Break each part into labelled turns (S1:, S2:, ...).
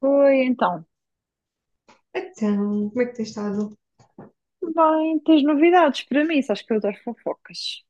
S1: Oi, então.
S2: Então, como é que tens estado?
S1: Bem, tens novidades para mim? Sabes que eu adoro fofocas.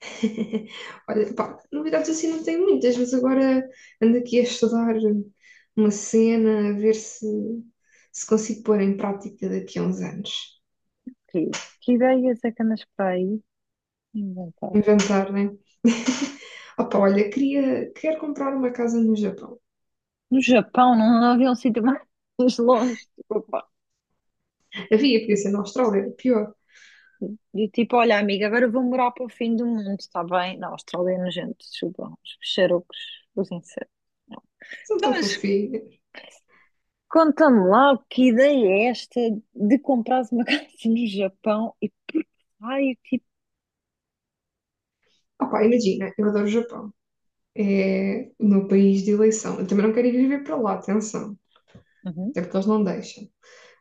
S2: Olha, pá, novidades assim não tenho muitas, mas agora ando aqui a estudar uma cena, a ver se consigo pôr em prática daqui a uns anos.
S1: Que, que ideias é que andas para aí inventar?
S2: Inventar, né? Opa, olha, queria, quero comprar uma casa no Japão.
S1: No Japão não, não havia um sítio mais longe. Tipo, pá.
S2: Havia, podia ser na Austrália, era pior.
S1: Tipo, olha, amiga, agora eu vou morar para o fim do mundo, está bem? Na Austrália, é nojento, desculpa, os peixarocos, os insetos.
S2: São
S1: Então,
S2: tão
S1: mas
S2: fofinhas.
S1: conta-me lá, que ideia é esta de comprares uma casa no Japão e por que raio, tipo.
S2: Opa, imagina, eu adoro o Japão. É o meu país de eleição. Eu também não quero ir viver para lá, atenção.
S1: Uhum.
S2: Até porque eles não deixam.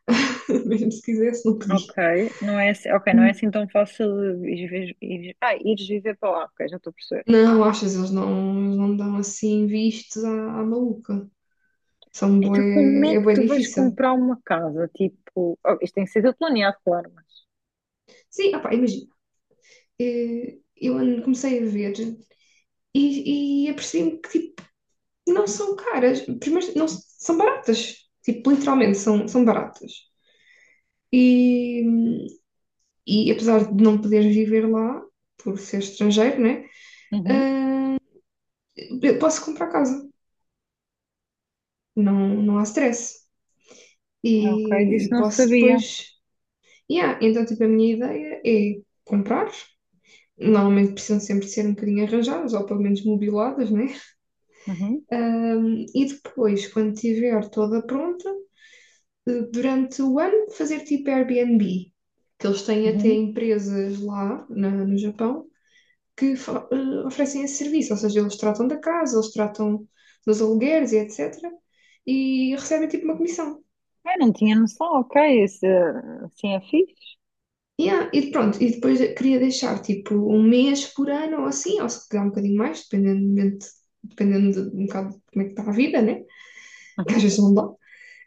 S2: Mesmo se quisesse, não
S1: Ok,
S2: podia.
S1: ok, não é assim tão fácil de ires, vi- ires- ah, ires viver para lá, ok, já estou a perceber.
S2: Não, achas, eles não dão assim vistos à maluca. São
S1: Então como é
S2: bué, é
S1: que
S2: bué
S1: tu vais
S2: difícil.
S1: comprar uma casa? Tipo, oh, isto tem que ser tudo planeado, claro, mas...
S2: Sim, opá, imagina, comecei a ver e apercebi-me que tipo, não são caras. Primeiro, não, são baratas. Tipo, literalmente, são baratas. E, e apesar de não poder viver lá, por ser estrangeiro, né?
S1: Uhum,
S2: Eu posso comprar casa. Não, não há stress.
S1: ok,
S2: E,
S1: disso
S2: e
S1: não
S2: posso
S1: sabia.
S2: depois... Yeah, então, tipo, a minha ideia é comprar. Normalmente precisam sempre ser um bocadinho arranjadas, ou pelo menos mobiladas, né?
S1: Uhum,
S2: E depois, quando tiver toda pronta, durante o ano, fazer tipo Airbnb, que eles têm até
S1: uhum.
S2: empresas no Japão que oferecem esse serviço, ou seja, eles tratam da casa, eles tratam dos alugueres e etc. E recebem tipo uma comissão.
S1: Ah, não tinha noção, ok, isso, assim é fixe.
S2: Yeah, e pronto, e depois queria deixar tipo um mês por ano ou assim, ou se calhar um bocadinho mais, dependendo, dependendo de um bocado de como é que está a vida, né? Que às
S1: Uhum.
S2: vezes não dá,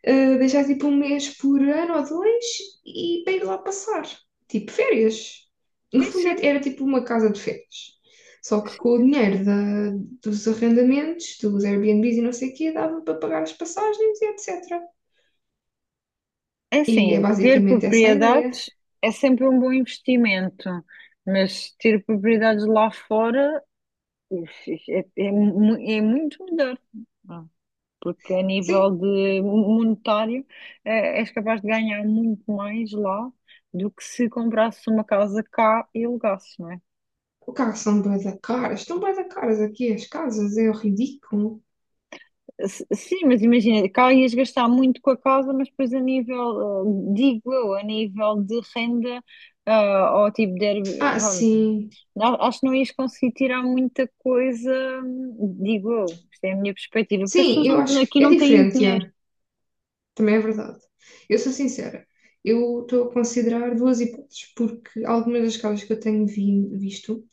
S2: deixar tipo um mês por ano ou dois e para ir lá passar, tipo férias. No
S1: Sim,
S2: fundo é,
S1: sim,
S2: era tipo uma casa de férias. Só que
S1: sim.
S2: com o dinheiro dos arrendamentos, dos Airbnbs e não sei o quê, dava para pagar as passagens e etc.
S1: É
S2: E é
S1: assim, ter
S2: basicamente essa a ideia.
S1: propriedades é sempre um bom investimento, mas ter propriedades lá fora, uf, é muito melhor. Porque a nível
S2: Sim,
S1: de monetário, és capaz de ganhar muito mais lá do que se comprasses uma casa cá e alugasses, não é?
S2: o carro são bué da caras, estão bué da caras aqui as casas, é ridículo.
S1: Sim, mas imagina, cá ias gastar muito com a casa, mas depois a nível, digo eu, a nível de renda, ou tipo de Airbnb,
S2: Ah,
S1: vá,
S2: sim.
S1: acho que não ias conseguir tirar muita coisa, digo eu, isto é a minha perspectiva, porque as
S2: Sim,
S1: pessoas
S2: eu acho que
S1: aqui
S2: é
S1: não têm
S2: diferente,
S1: dinheiro,
S2: é. Também é verdade. Eu sou sincera, eu estou a considerar duas hipóteses, porque algumas das casas que eu tenho visto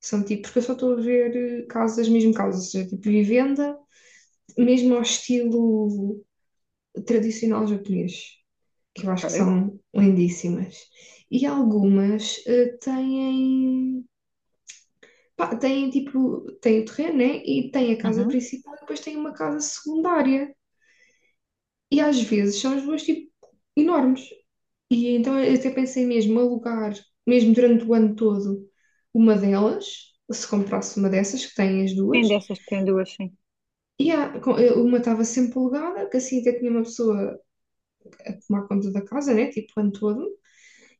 S2: são tipo, porque eu só estou a ver casas, mesmo casas, ou seja, tipo vivenda, mesmo ao estilo tradicional japonês, que eu acho que
S1: ok?
S2: são lindíssimas. E algumas têm, pá, têm tipo, têm o terreno, né? E têm a casa
S1: Uhum.
S2: principal e depois têm uma casa secundária. E às vezes são as duas tipo enormes. E então eu até pensei mesmo alugar, mesmo durante o ano todo, uma delas, se comprasse uma dessas, que tem as
S1: Tem
S2: duas,
S1: dessas que têm duas, sim.
S2: e uma estava sempre alugada, que assim até tinha uma pessoa a tomar conta da casa, né, tipo o ano todo,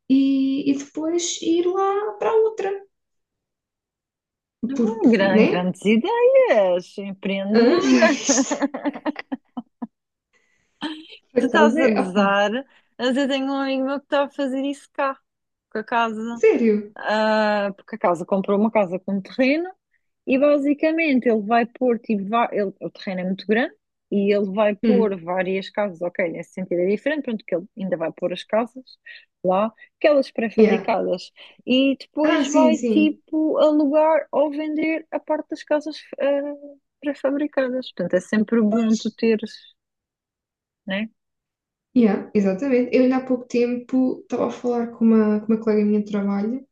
S2: e depois ir lá para a outra,
S1: Hum,
S2: porque,
S1: Gran-
S2: né?
S1: Grandes ideias,
S2: Hã? Já
S1: empreendedora.
S2: viste? Por
S1: Tu estás
S2: acaso
S1: a
S2: é, opá,
S1: gozar, mas eu tenho um amigo meu que está a fazer isso cá, com a casa.
S2: sério?
S1: Porque a casa comprou uma casa com terreno e basicamente ele vai pôr, tipo, o terreno é muito grande e ele vai pôr
S2: Hum,
S1: várias casas, ok, nesse sentido é diferente, pronto, que ele ainda vai pôr as casas lá, aquelas
S2: yeah.
S1: pré-fabricadas, e
S2: Ah,
S1: depois
S2: sim,
S1: vai,
S2: sim.
S1: tipo, alugar ou vender a parte das casas pré-fabricadas. Portanto, é sempre bom tu teres, né?
S2: Yeah, exatamente. Eu ainda há pouco tempo estava a falar com uma colega minha de trabalho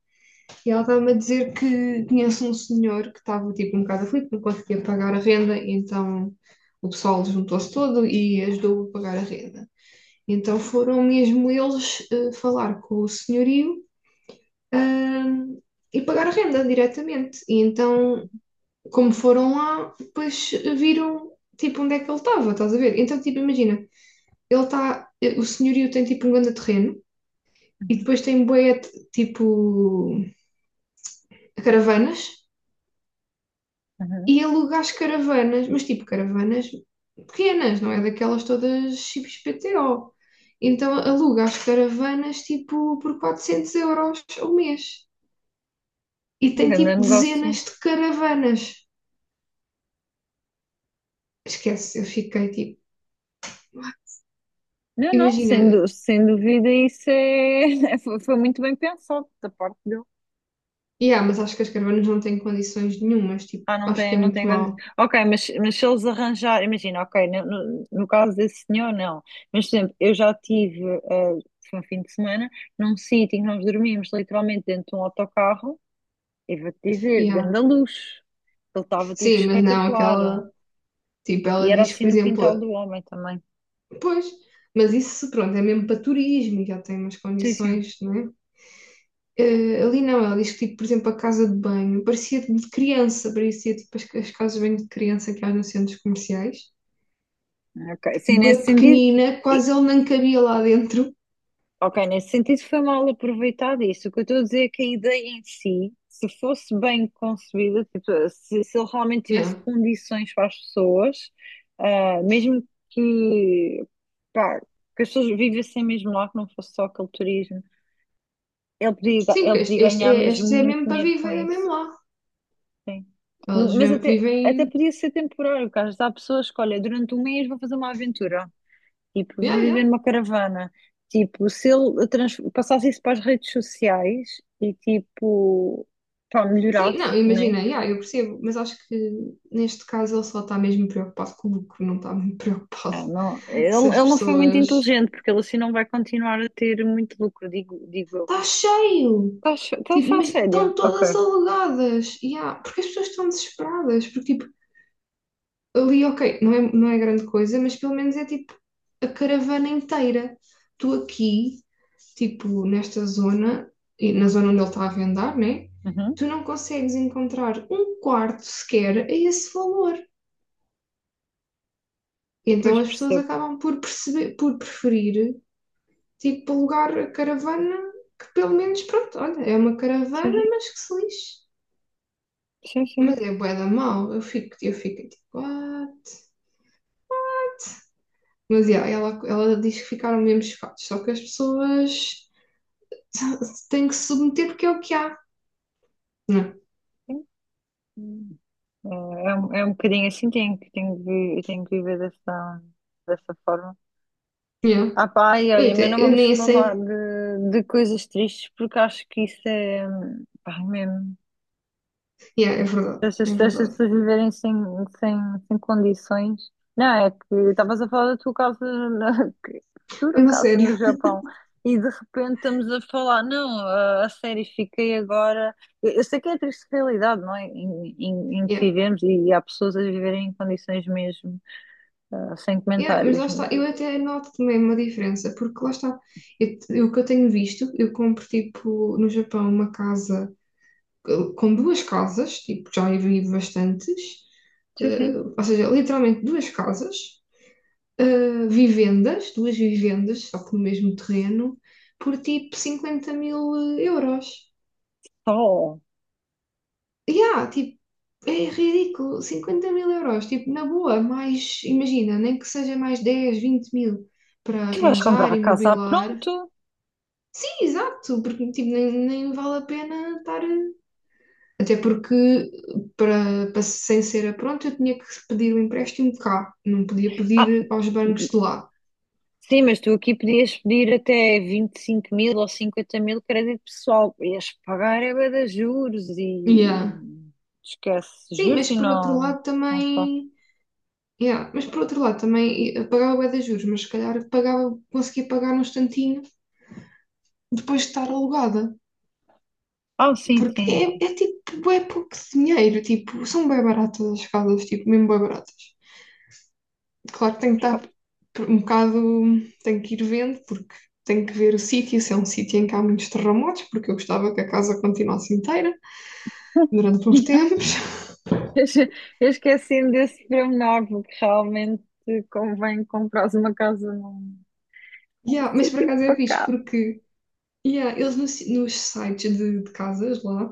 S2: e ela estava-me a dizer que conhece um senhor que estava tipo um bocado aflito, não conseguia pagar a renda, então o pessoal juntou-se todo e ajudou a pagar a renda. Então foram mesmo eles falar com o senhorio, ahm, e pagar a renda diretamente. E então, como foram lá, depois viram tipo onde é que ele estava, estás a ver? Então, tipo, imagina, ele está, o senhorio tem tipo um grande terreno e
S1: Uhum.
S2: depois tem bué tipo caravanas
S1: Uhum.
S2: e alugares caravanas, mas tipo caravanas pequenas, não é daquelas todas XPTO. Então alugas caravanas tipo por 400 € ao mês e
S1: Um
S2: tem
S1: grande
S2: tipo
S1: negócio.
S2: dezenas de caravanas. Esquece, eu fiquei tipo,
S1: Não, não,
S2: imagina,
S1: sem dúvida, isso é... foi muito bem pensado da parte dele.
S2: yeah, mas acho que as caravanas não têm condições nenhumas, tipo,
S1: Ah, não
S2: acho que
S1: tem,
S2: é
S1: não tem.
S2: muito mau.
S1: Ok, mas se eles arranjarem, imagina, ok, no caso desse senhor, não. Mas, por exemplo, eu já tive, foi um fim de semana, num sítio em que nós dormimos literalmente dentro de um autocarro, e vou-te dizer,
S2: Yeah.
S1: ganda luz. Ele estava tipo
S2: Sim, mas não,
S1: espetacular.
S2: aquela, tipo,
S1: E
S2: ela
S1: era
S2: diz que,
S1: assim
S2: por
S1: no quintal
S2: exemplo,
S1: do homem também.
S2: pois, mas isso pronto, é mesmo para turismo, já tem umas
S1: Sim, sim.
S2: condições, não é? Ali não, ela diz que, tipo, por exemplo, a casa de banho parecia de criança, parecia tipo as casas de banho de criança que há nos centros comerciais,
S1: Ok, sim, nesse
S2: bem
S1: sentido.
S2: pequenina, quase ele não cabia lá dentro.
S1: Ok, nesse sentido foi mal aproveitado isso. O que eu estou a dizer é que a ideia em si, se fosse bem concebida, tipo, se ele realmente tivesse
S2: Yeah.
S1: condições para as pessoas, mesmo que, pá, que as pessoas vivessem mesmo lá, que não fosse só aquele turismo, ele podia, ga-
S2: Sim,
S1: ele
S2: porque este,
S1: podia
S2: este
S1: ganhar
S2: é,
S1: mesmo
S2: este é
S1: muito
S2: mesmo para
S1: dinheiro com
S2: viver, é
S1: isso.
S2: mesmo lá.
S1: Sim.
S2: Eles
S1: Mas até
S2: vivem.
S1: podia ser temporário, porque às vezes há pessoas que, olha, durante um mês vou fazer uma aventura. Tipo, vou
S2: Yeah,
S1: viver
S2: yeah.
S1: numa caravana. Tipo, se ele passasse isso para as redes sociais e, tipo, pá,
S2: Sim, não,
S1: melhorasse, né?
S2: imagina, yeah, eu percebo, mas acho que neste caso ele só está mesmo preocupado com o lucro, não está muito preocupado
S1: Não, não. Ele,
S2: se as
S1: ele não foi muito
S2: pessoas
S1: inteligente, porque ele assim não vai continuar a ter muito lucro, digo eu.
S2: está cheio.
S1: Estás a
S2: Tipo,
S1: falar
S2: mas
S1: sério?
S2: estão
S1: Ok.
S2: todas alugadas. Porque as pessoas estão desesperadas. Porque, tipo, ali, ok, não é grande coisa, mas pelo menos é tipo a caravana inteira. Tu aqui, tipo, nesta zona, e na zona onde ele está a vendar, né?
S1: Uhum.
S2: Tu não consegues encontrar um quarto sequer a esse valor. Então
S1: Pois
S2: as pessoas
S1: percebo.
S2: acabam por perceber, por preferir, tipo, alugar a caravana que pelo menos, pronto, olha, é uma
S1: Sim,
S2: caravana, mas que se lixe.
S1: sim,
S2: Mas
S1: sim.
S2: é bué da mal, eu fico tipo, what? Mas yeah, ela diz que ficaram mesmo chocados, só que as pessoas têm que se submeter porque é o que há. Não.
S1: Sim. Sim. É um bocadinho assim, tenho que viver dessa forma.
S2: Yeah.
S1: Ah pá, ai,
S2: Eu,
S1: olha, mas
S2: até-
S1: não
S2: eu
S1: vamos
S2: nem
S1: falar
S2: sei.
S1: de coisas tristes porque acho que isso é, pá, é mesmo,
S2: Yeah, é verdade,
S1: essas
S2: é
S1: pessoas essas
S2: verdade.
S1: pessoas viverem sem, sem condições. Não, é que estavas a falar da tua casa,
S2: É
S1: futura
S2: uma
S1: casa
S2: sério.
S1: no Japão, e de repente estamos a falar, não, a série fiquei agora. Eu sei que é a triste realidade, não é? Em que
S2: Yeah.
S1: vivemos e, há pessoas a viverem em condições mesmo, sem
S2: Yeah, mas
S1: comentários,
S2: lá está, eu
S1: mas
S2: até noto também uma diferença, porque lá está, o que eu tenho visto, eu compro tipo no Japão uma casa eh, com duas casas, tipo, já vi bastantes,
S1: sim, sim.
S2: ou seja, literalmente duas casas vivendas, duas vivendas, só que no mesmo terreno, por tipo 50 000 euros.
S1: Oh.
S2: Yeah, tipo, é ridículo, 50 mil euros, tipo, na boa, mais, imagina, nem que seja mais 10 20 mil para
S1: Tu vais comprar
S2: arranjar,
S1: a casa, ah,
S2: imobilar.
S1: pronto.
S2: Sim, exato, porque tipo, nem vale a pena estar. Até porque, para sem ser a pronto, eu tinha que pedir o empréstimo de cá, não podia
S1: Ah,
S2: pedir aos bancos de lá.
S1: sim, mas tu aqui podias pedir até 25.000 ou 50.000 crédito pessoal. Ias pagar é bué de juros e
S2: Yeah.
S1: esquece
S2: Sim,
S1: juros
S2: mas
S1: e
S2: por outro
S1: não,
S2: lado
S1: não só.
S2: também. Yeah, mas por outro lado, também pagava bué de juros, mas se calhar pagava, conseguia pagar num instantinho depois de estar alugada,
S1: Ah, sim,
S2: porque
S1: sim.
S2: é tipo bué pouco dinheiro, tipo, são bué baratas as casas, tipo, mesmo bué baratas. Claro que tenho que estar um bocado, tenho que ir vendo, porque tenho que ver o sítio, se é um sítio em que há muitos terremotos, porque eu gostava que a casa continuasse inteira durante uns tempos.
S1: Eu esque- eu esqueci-me desse pormenor, porque realmente convém comprares uma casa num
S2: Yeah, mas por
S1: sítio
S2: acaso é fixe,
S1: pacato.
S2: porque yeah, eles no si- nos sites de casas lá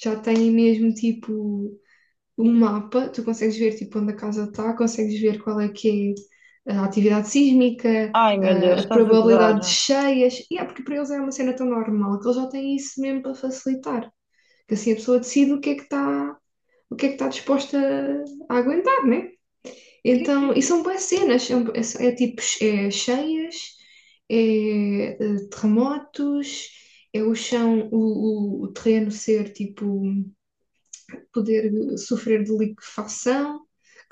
S2: já têm mesmo tipo um mapa, tu consegues ver tipo onde a casa está, consegues ver qual é que é a atividade sísmica,
S1: Ai, meu
S2: a
S1: Deus,
S2: a
S1: estás a
S2: probabilidade de
S1: gozar.
S2: cheias, e é porque para eles é uma cena tão normal que eles já têm isso mesmo para facilitar, que assim a pessoa decide o que é que está, o que é que está disposta a aguentar, né?
S1: Sim,
S2: Então,
S1: sim.
S2: e são boas cenas, é, é tipo é cheias, é, terremotos, é o chão, o terreno ser tipo poder sofrer de liquefação,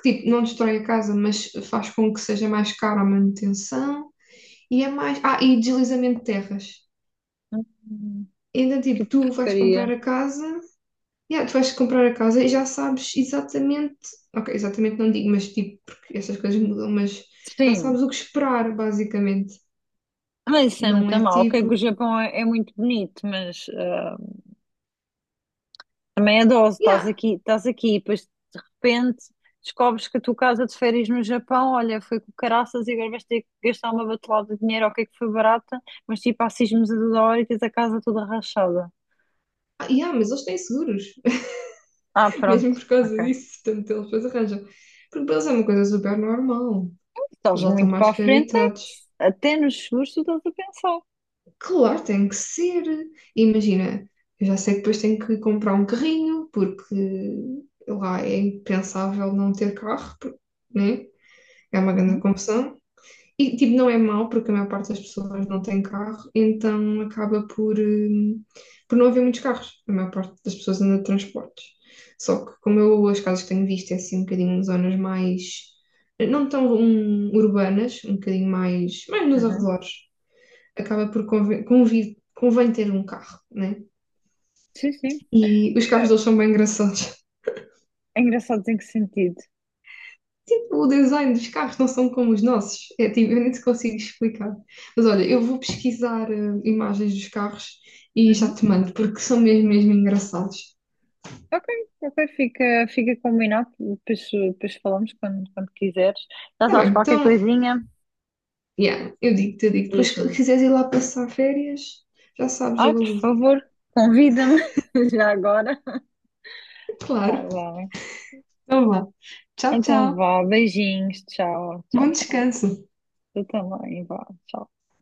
S2: que tipo, não destrói a casa, mas faz com que seja mais caro a manutenção. E é mais. Ah, e deslizamento de terras.
S1: Hum,
S2: Ainda
S1: que
S2: tipo, tu vais comprar
S1: porcaria.
S2: a casa, yeah, tu vais comprar a casa e já sabes exatamente. Ok, exatamente não digo, mas tipo, porque essas coisas mudam, mas já
S1: Sim,
S2: sabes o que esperar, basicamente.
S1: mas isso é
S2: Não
S1: muito
S2: é
S1: mal. Ok,
S2: tipo.
S1: que o Japão é muito bonito, mas... Também é dose,
S2: Yeah,
S1: estás aqui, e depois de repente descobres que a tua casa de férias no Japão, olha, foi com caraças e agora vais ter que gastar uma batelada de dinheiro, ok, que foi barata, mas tipo, há sismos a toda hora e tens a casa toda rachada.
S2: ah, yeah, mas eles têm seguros,
S1: Ah,
S2: mesmo
S1: pronto,
S2: por causa
S1: ok.
S2: disso, portanto eles depois arranjam. Porque para eles é uma coisa super normal. Eles
S1: Estás
S2: já estão
S1: muito
S2: mais
S1: para a
S2: que
S1: frente, é que
S2: habituados.
S1: até nos seguros tu estás a pensar.
S2: Claro, tem que ser. Imagina, eu já sei que depois tenho que comprar um carrinho, porque lá é impensável não ter carro, porque, né? É uma grande
S1: Uhum,
S2: confusão. E, tipo, não é mau, porque a maior parte das pessoas não tem carro, então acaba por não haver muitos carros. A maior parte das pessoas anda de transportes. Só que, como eu, as casas que tenho visto é assim um bocadinho em zonas mais, não tão urbanas, um bocadinho mais, mais nos
S1: uhum.
S2: arredores. Acaba por convém ter um carro, né?
S1: Sim, sim.
S2: E os carros
S1: É,
S2: deles são bem engraçados.
S1: é engraçado em que sentido?
S2: Tipo, o design dos carros não são como os nossos. É, tipo, eu nem te consigo explicar. Mas olha, eu vou pesquisar imagens dos carros e já
S1: Uhum.
S2: te mando, porque são mesmo, mesmo engraçados.
S1: Ok, ok, fica combinado, depois falamos quando quiseres. Já
S2: Tá bem,
S1: sabes, qualquer
S2: então,
S1: coisinha,
S2: yeah, eu digo. Depois, se
S1: diz-me.
S2: quiseres ir lá passar férias, já sabes,
S1: Ai,
S2: eu
S1: por
S2: aludo.
S1: favor, convida-me já agora. Tá
S2: Claro.
S1: bem.
S2: Então vá. Tchau,
S1: Então
S2: tchau.
S1: vá, beijinhos, tchau, tchau,
S2: Bom
S1: tchau.
S2: descanso.
S1: Tu também, vá, tchau.